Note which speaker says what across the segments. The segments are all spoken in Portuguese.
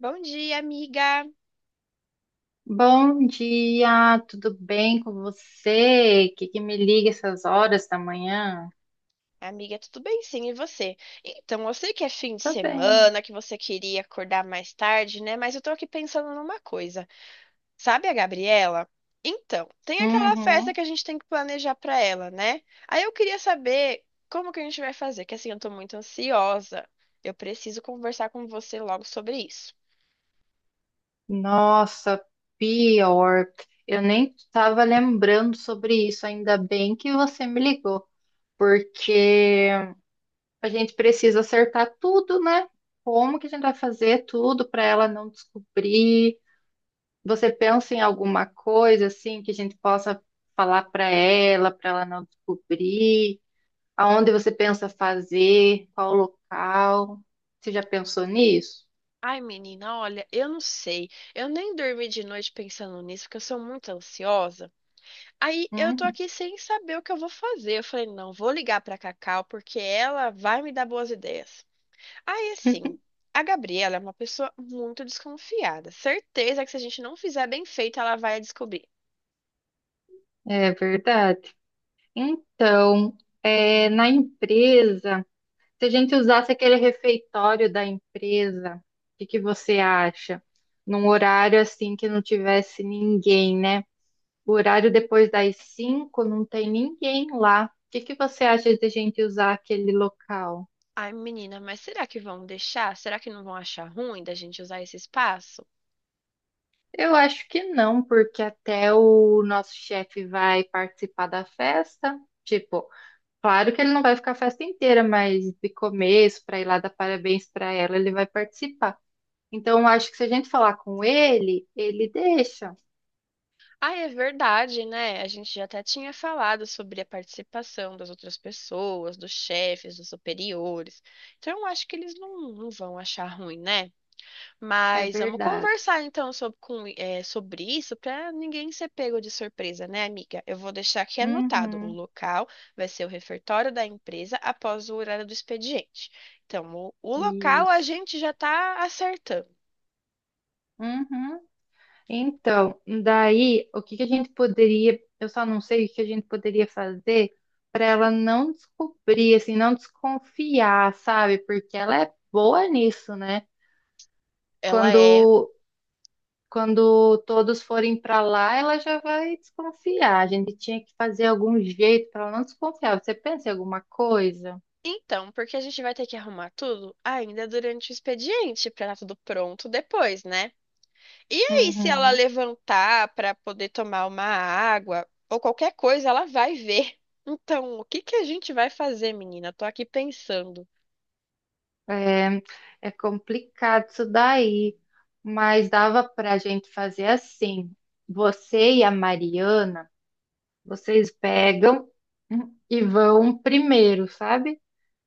Speaker 1: Bom dia, amiga.
Speaker 2: Bom dia, tudo bem com você? Que me liga essas horas da manhã?
Speaker 1: Amiga, tudo bem? Sim, e você? Então, eu sei que é fim de
Speaker 2: Tá bem.
Speaker 1: semana, que você queria acordar mais tarde, né? Mas eu tô aqui pensando numa coisa. Sabe a Gabriela? Então, tem aquela festa
Speaker 2: Uhum.
Speaker 1: que a gente tem que planejar pra ela, né? Aí eu queria saber como que a gente vai fazer, que assim, eu tô muito ansiosa. Eu preciso conversar com você logo sobre isso.
Speaker 2: Nossa, pior. Eu nem estava lembrando sobre isso. Ainda bem que você me ligou, porque a gente precisa acertar tudo, né? Como que a gente vai fazer tudo para ela não descobrir? Você pensa em alguma coisa assim que a gente possa falar para ela não descobrir? Aonde você pensa fazer? Qual local? Você já pensou nisso?
Speaker 1: Ai, menina, olha, eu não sei. Eu nem dormi de noite pensando nisso, porque eu sou muito ansiosa. Aí eu tô
Speaker 2: Uhum.
Speaker 1: aqui sem saber o que eu vou fazer. Eu falei, não, vou ligar pra Cacau porque ela vai me dar boas ideias. Aí assim, a Gabriela é uma pessoa muito desconfiada. Certeza que se a gente não fizer bem feito, ela vai descobrir.
Speaker 2: É verdade. Então, na empresa, se a gente usasse aquele refeitório da empresa, o que que você acha? Num horário assim que não tivesse ninguém, né? O horário depois das cinco não tem ninguém lá. O que que você acha de a gente usar aquele local?
Speaker 1: Ai, menina, mas será que vão deixar? Será que não vão achar ruim da gente usar esse espaço?
Speaker 2: Eu acho que não, porque até o nosso chefe vai participar da festa. Tipo, claro que ele não vai ficar a festa inteira, mas de começo, para ir lá dar parabéns para ela, ele vai participar. Então, eu acho que se a gente falar com ele, ele deixa.
Speaker 1: Ai é verdade, né? A gente já até tinha falado sobre a participação das outras pessoas, dos chefes, dos superiores. Então, eu acho que eles não, não vão achar ruim, né?
Speaker 2: É
Speaker 1: Mas vamos
Speaker 2: verdade.
Speaker 1: conversar então sobre, sobre isso para ninguém ser pego de surpresa, né, amiga? Eu vou deixar aqui anotado. O
Speaker 2: Uhum.
Speaker 1: local vai ser o refeitório da empresa após o horário do expediente. Então, o local a
Speaker 2: Isso.
Speaker 1: gente já está acertando.
Speaker 2: Uhum. Então, daí, o que que a gente poderia, eu só não sei o que a gente poderia fazer para ela não descobrir, assim, não desconfiar, sabe? Porque ela é boa nisso, né?
Speaker 1: Ela é.
Speaker 2: Quando quando todos forem para lá, ela já vai desconfiar. A gente tinha que fazer algum jeito para ela não desconfiar. Você pensa em alguma coisa?
Speaker 1: Então, porque a gente vai ter que arrumar tudo ainda durante o expediente para estar tudo pronto depois, né? E aí, se ela
Speaker 2: Uhum.
Speaker 1: levantar para poder tomar uma água ou qualquer coisa, ela vai ver. Então, o que que a gente vai fazer, menina? Tô aqui pensando.
Speaker 2: É, é complicado isso daí, mas dava para a gente fazer assim. Você e a Mariana vocês pegam e vão primeiro, sabe?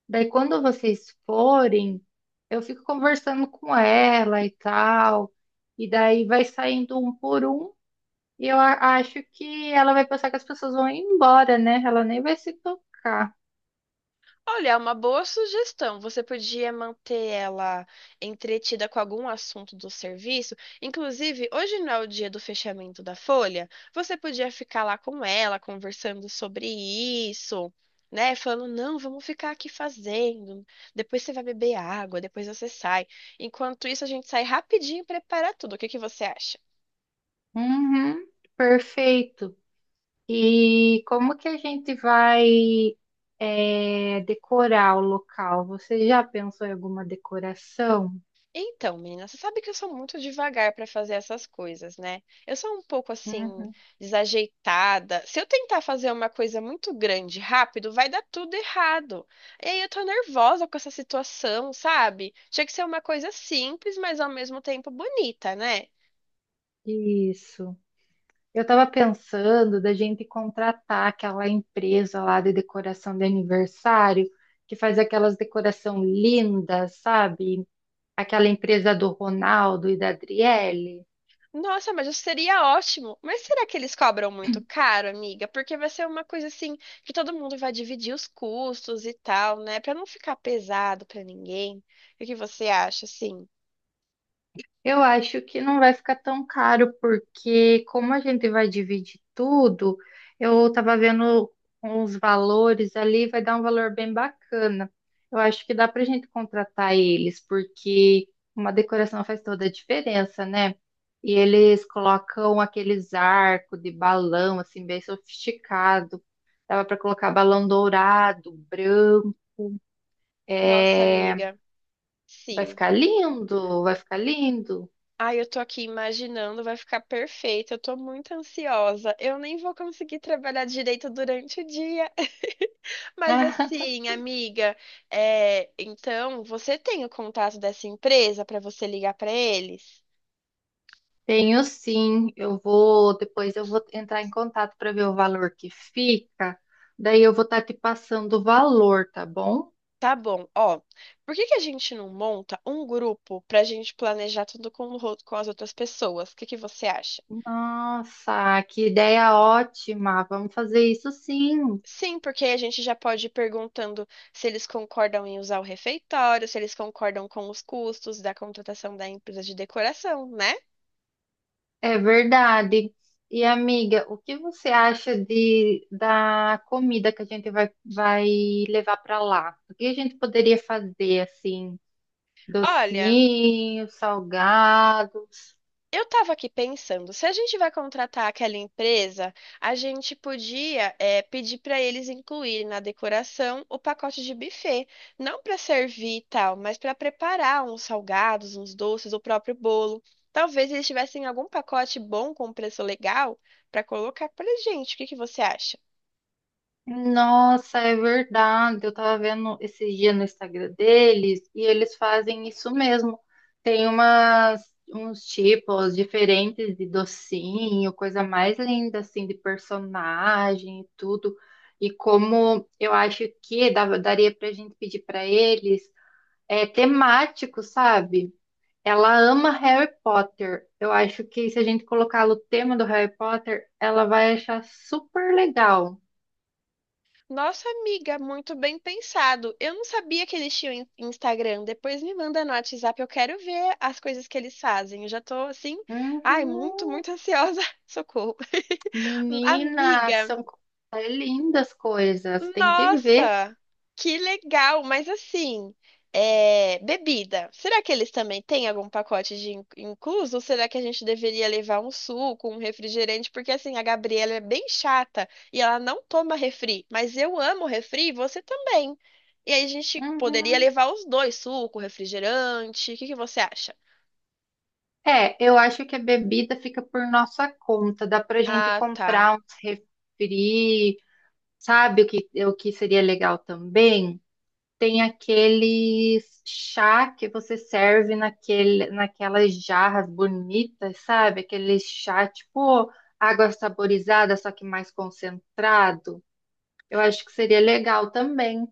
Speaker 2: Daí quando vocês forem, eu fico conversando com ela e tal, e daí vai saindo um por um, e eu acho que ela vai pensar que as pessoas vão embora, né? Ela nem vai se tocar.
Speaker 1: Olha, é uma boa sugestão. Você podia manter ela entretida com algum assunto do serviço. Inclusive, hoje não é o dia do fechamento da folha. Você podia ficar lá com ela, conversando sobre isso, né? Falando, não, vamos ficar aqui fazendo. Depois você vai beber água, depois você sai. Enquanto isso, a gente sai rapidinho e prepara tudo. O que que você acha?
Speaker 2: Uhum, perfeito. E como que a gente vai decorar o local? Você já pensou em alguma decoração?
Speaker 1: Então, menina, você sabe que eu sou muito devagar para fazer essas coisas, né? Eu sou um pouco assim,
Speaker 2: Uhum.
Speaker 1: desajeitada. Se eu tentar fazer uma coisa muito grande rápido, vai dar tudo errado. E aí eu tô nervosa com essa situação, sabe? Tinha que ser uma coisa simples, mas ao mesmo tempo bonita, né?
Speaker 2: Isso. Eu estava pensando da gente contratar aquela empresa lá de decoração de aniversário, que faz aquelas decoração lindas, sabe? Aquela empresa do Ronaldo e da Adriele.
Speaker 1: Nossa, mas isso seria ótimo. Mas será que eles cobram muito caro, amiga? Porque vai ser uma coisa assim que todo mundo vai dividir os custos e tal, né? Para não ficar pesado para ninguém. O que você acha, assim?
Speaker 2: Eu acho que não vai ficar tão caro, porque como a gente vai dividir tudo, eu tava vendo os valores ali, vai dar um valor bem bacana. Eu acho que dá pra gente contratar eles, porque uma decoração faz toda a diferença, né? E eles colocam aqueles arcos de balão, assim, bem sofisticado. Dava pra colocar balão dourado, branco.
Speaker 1: Nossa,
Speaker 2: É.
Speaker 1: amiga,
Speaker 2: Vai
Speaker 1: sim.
Speaker 2: ficar lindo, vai ficar lindo.
Speaker 1: Ai, eu tô aqui imaginando, vai ficar perfeito. Eu tô muito ansiosa. Eu nem vou conseguir trabalhar direito durante o dia. Mas
Speaker 2: Né?
Speaker 1: assim, amiga, é, então você tem o contato dessa empresa pra você ligar pra eles?
Speaker 2: Tenho sim, eu vou, depois eu vou entrar em contato para ver o valor que fica. Daí eu vou estar te passando o valor, tá bom?
Speaker 1: Tá bom, ó. Por que que a gente não monta um grupo pra gente planejar tudo com, com as outras pessoas? O que que você acha?
Speaker 2: Nossa, que ideia ótima. Vamos fazer isso sim.
Speaker 1: Sim, porque aí a gente já pode ir perguntando se eles concordam em usar o refeitório, se eles concordam com os custos da contratação da empresa de decoração, né?
Speaker 2: É verdade. E amiga, o que você acha de da comida que a gente vai levar para lá? O que a gente poderia fazer assim?
Speaker 1: Olha,
Speaker 2: Docinhos, salgados?
Speaker 1: eu tava aqui pensando, se a gente vai contratar aquela empresa, a gente podia, pedir para eles incluírem na decoração o pacote de buffet, não para servir e tal, mas para preparar uns salgados, uns doces, o próprio bolo. Talvez eles tivessem algum pacote bom com preço legal para colocar pra gente. O que que você acha?
Speaker 2: Nossa, é verdade. Eu tava vendo esse dia no Instagram deles e eles fazem isso mesmo. Tem uns tipos diferentes de docinho, coisa mais linda assim de personagem e tudo. E como eu acho que daria pra gente pedir pra eles temático, sabe? Ela ama Harry Potter. Eu acho que se a gente colocar o tema do Harry Potter, ela vai achar super legal.
Speaker 1: Nossa amiga, muito bem pensado. Eu não sabia que eles tinham Instagram. Depois me manda no WhatsApp, eu quero ver as coisas que eles fazem. Eu já tô assim, ai,
Speaker 2: Uhum.
Speaker 1: muito, muito ansiosa. Socorro.
Speaker 2: Menina,
Speaker 1: Amiga.
Speaker 2: é lindas coisas, tem que ver.
Speaker 1: Nossa, que legal! Mas assim, é, bebida. Será que eles também têm algum pacote de incluso? Ou será que a gente deveria levar um suco, um refrigerante? Porque assim, a Gabriela é bem chata e ela não toma refri. Mas eu amo refri e você também. E aí a gente poderia
Speaker 2: Uhum.
Speaker 1: levar os dois, suco, refrigerante. O que que você acha?
Speaker 2: É, eu acho que a bebida fica por nossa conta, dá pra gente
Speaker 1: Ah, tá.
Speaker 2: comprar uns refri, sabe o o que seria legal também? Tem aquele chá que você serve naquelas jarras bonitas, sabe? Aquele chá tipo água saborizada, só que mais concentrado. Eu acho que seria legal também.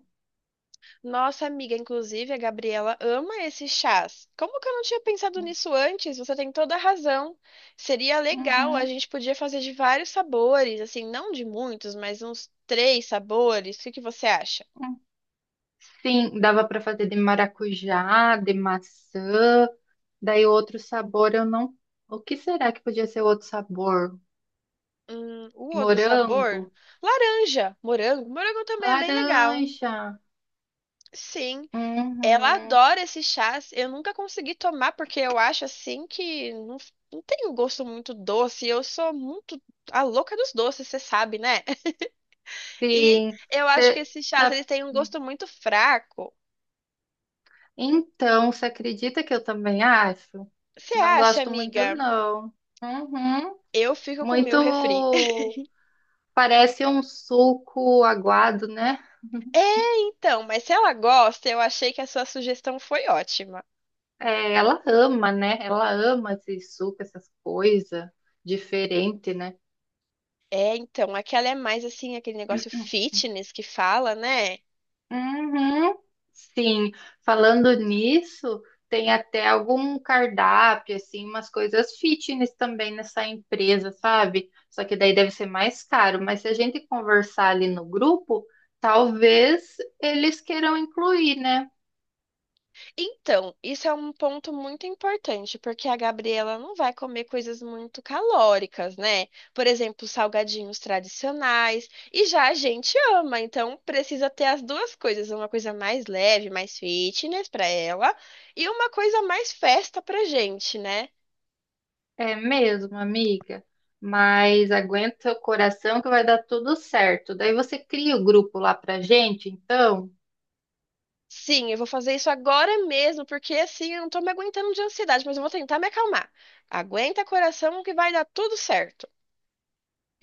Speaker 1: Nossa amiga, inclusive a Gabriela ama esses chás. Como que eu não tinha pensado nisso antes? Você tem toda a razão. Seria legal, a
Speaker 2: Uhum,
Speaker 1: gente podia fazer de vários sabores, assim, não de muitos, mas uns três sabores. O que que você acha?
Speaker 2: uhum. Sim, dava para fazer de maracujá, de maçã, daí outro sabor eu não. O que será que podia ser outro sabor?
Speaker 1: O outro
Speaker 2: Morango,
Speaker 1: sabor? Laranja, morango. Morango também é bem legal.
Speaker 2: laranja.
Speaker 1: Sim, ela
Speaker 2: Uhum,
Speaker 1: adora esses chás. Eu nunca consegui tomar porque eu acho assim que não, não tem um gosto muito doce. Eu sou muito a louca dos doces, você sabe, né? E
Speaker 2: sim.
Speaker 1: eu acho que
Speaker 2: Cê
Speaker 1: esses chás,
Speaker 2: tá-
Speaker 1: eles têm um gosto muito fraco.
Speaker 2: Então, você acredita que eu também acho?
Speaker 1: Você
Speaker 2: Não
Speaker 1: acha,
Speaker 2: gosto muito,
Speaker 1: amiga?
Speaker 2: não. Uhum,
Speaker 1: Eu fico com o
Speaker 2: muito
Speaker 1: meu refri.
Speaker 2: parece um suco aguado, né?
Speaker 1: É, então, mas se ela gosta, eu achei que a sua sugestão foi ótima.
Speaker 2: É, ela ama, né? Ela ama esse suco, essas coisas diferente, né?
Speaker 1: É, então, aquela é mais assim, aquele negócio fitness que fala, né?
Speaker 2: Uhum. Sim, falando nisso, tem até algum cardápio, assim, umas coisas fitness também nessa empresa, sabe? Só que daí deve ser mais caro, mas se a gente conversar ali no grupo, talvez eles queiram incluir, né?
Speaker 1: Então, isso é um ponto muito importante, porque a Gabriela não vai comer coisas muito calóricas, né? Por exemplo, salgadinhos tradicionais, e já a gente ama, então precisa ter as duas coisas, uma coisa mais leve, mais fitness para ela, e uma coisa mais festa pra gente, né?
Speaker 2: É mesmo, amiga. Mas aguenta o coração que vai dar tudo certo. Daí você cria o grupo lá pra gente, então?
Speaker 1: Sim, eu vou fazer isso agora mesmo, porque assim eu não tô me aguentando de ansiedade, mas eu vou tentar me acalmar. Aguenta coração que vai dar tudo certo.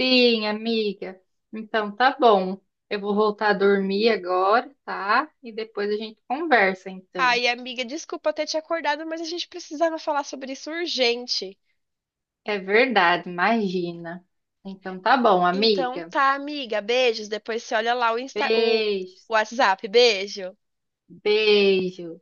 Speaker 2: Sim, amiga. Então tá bom. Eu vou voltar a dormir agora, tá? E depois a gente conversa, então.
Speaker 1: Ai, amiga, desculpa ter te acordado, mas a gente precisava falar sobre isso urgente.
Speaker 2: É verdade, imagina. Então tá bom,
Speaker 1: Então
Speaker 2: amiga.
Speaker 1: tá, amiga, beijos. Depois você olha lá o Insta,
Speaker 2: Beijo,
Speaker 1: o WhatsApp. Beijo.
Speaker 2: beijo.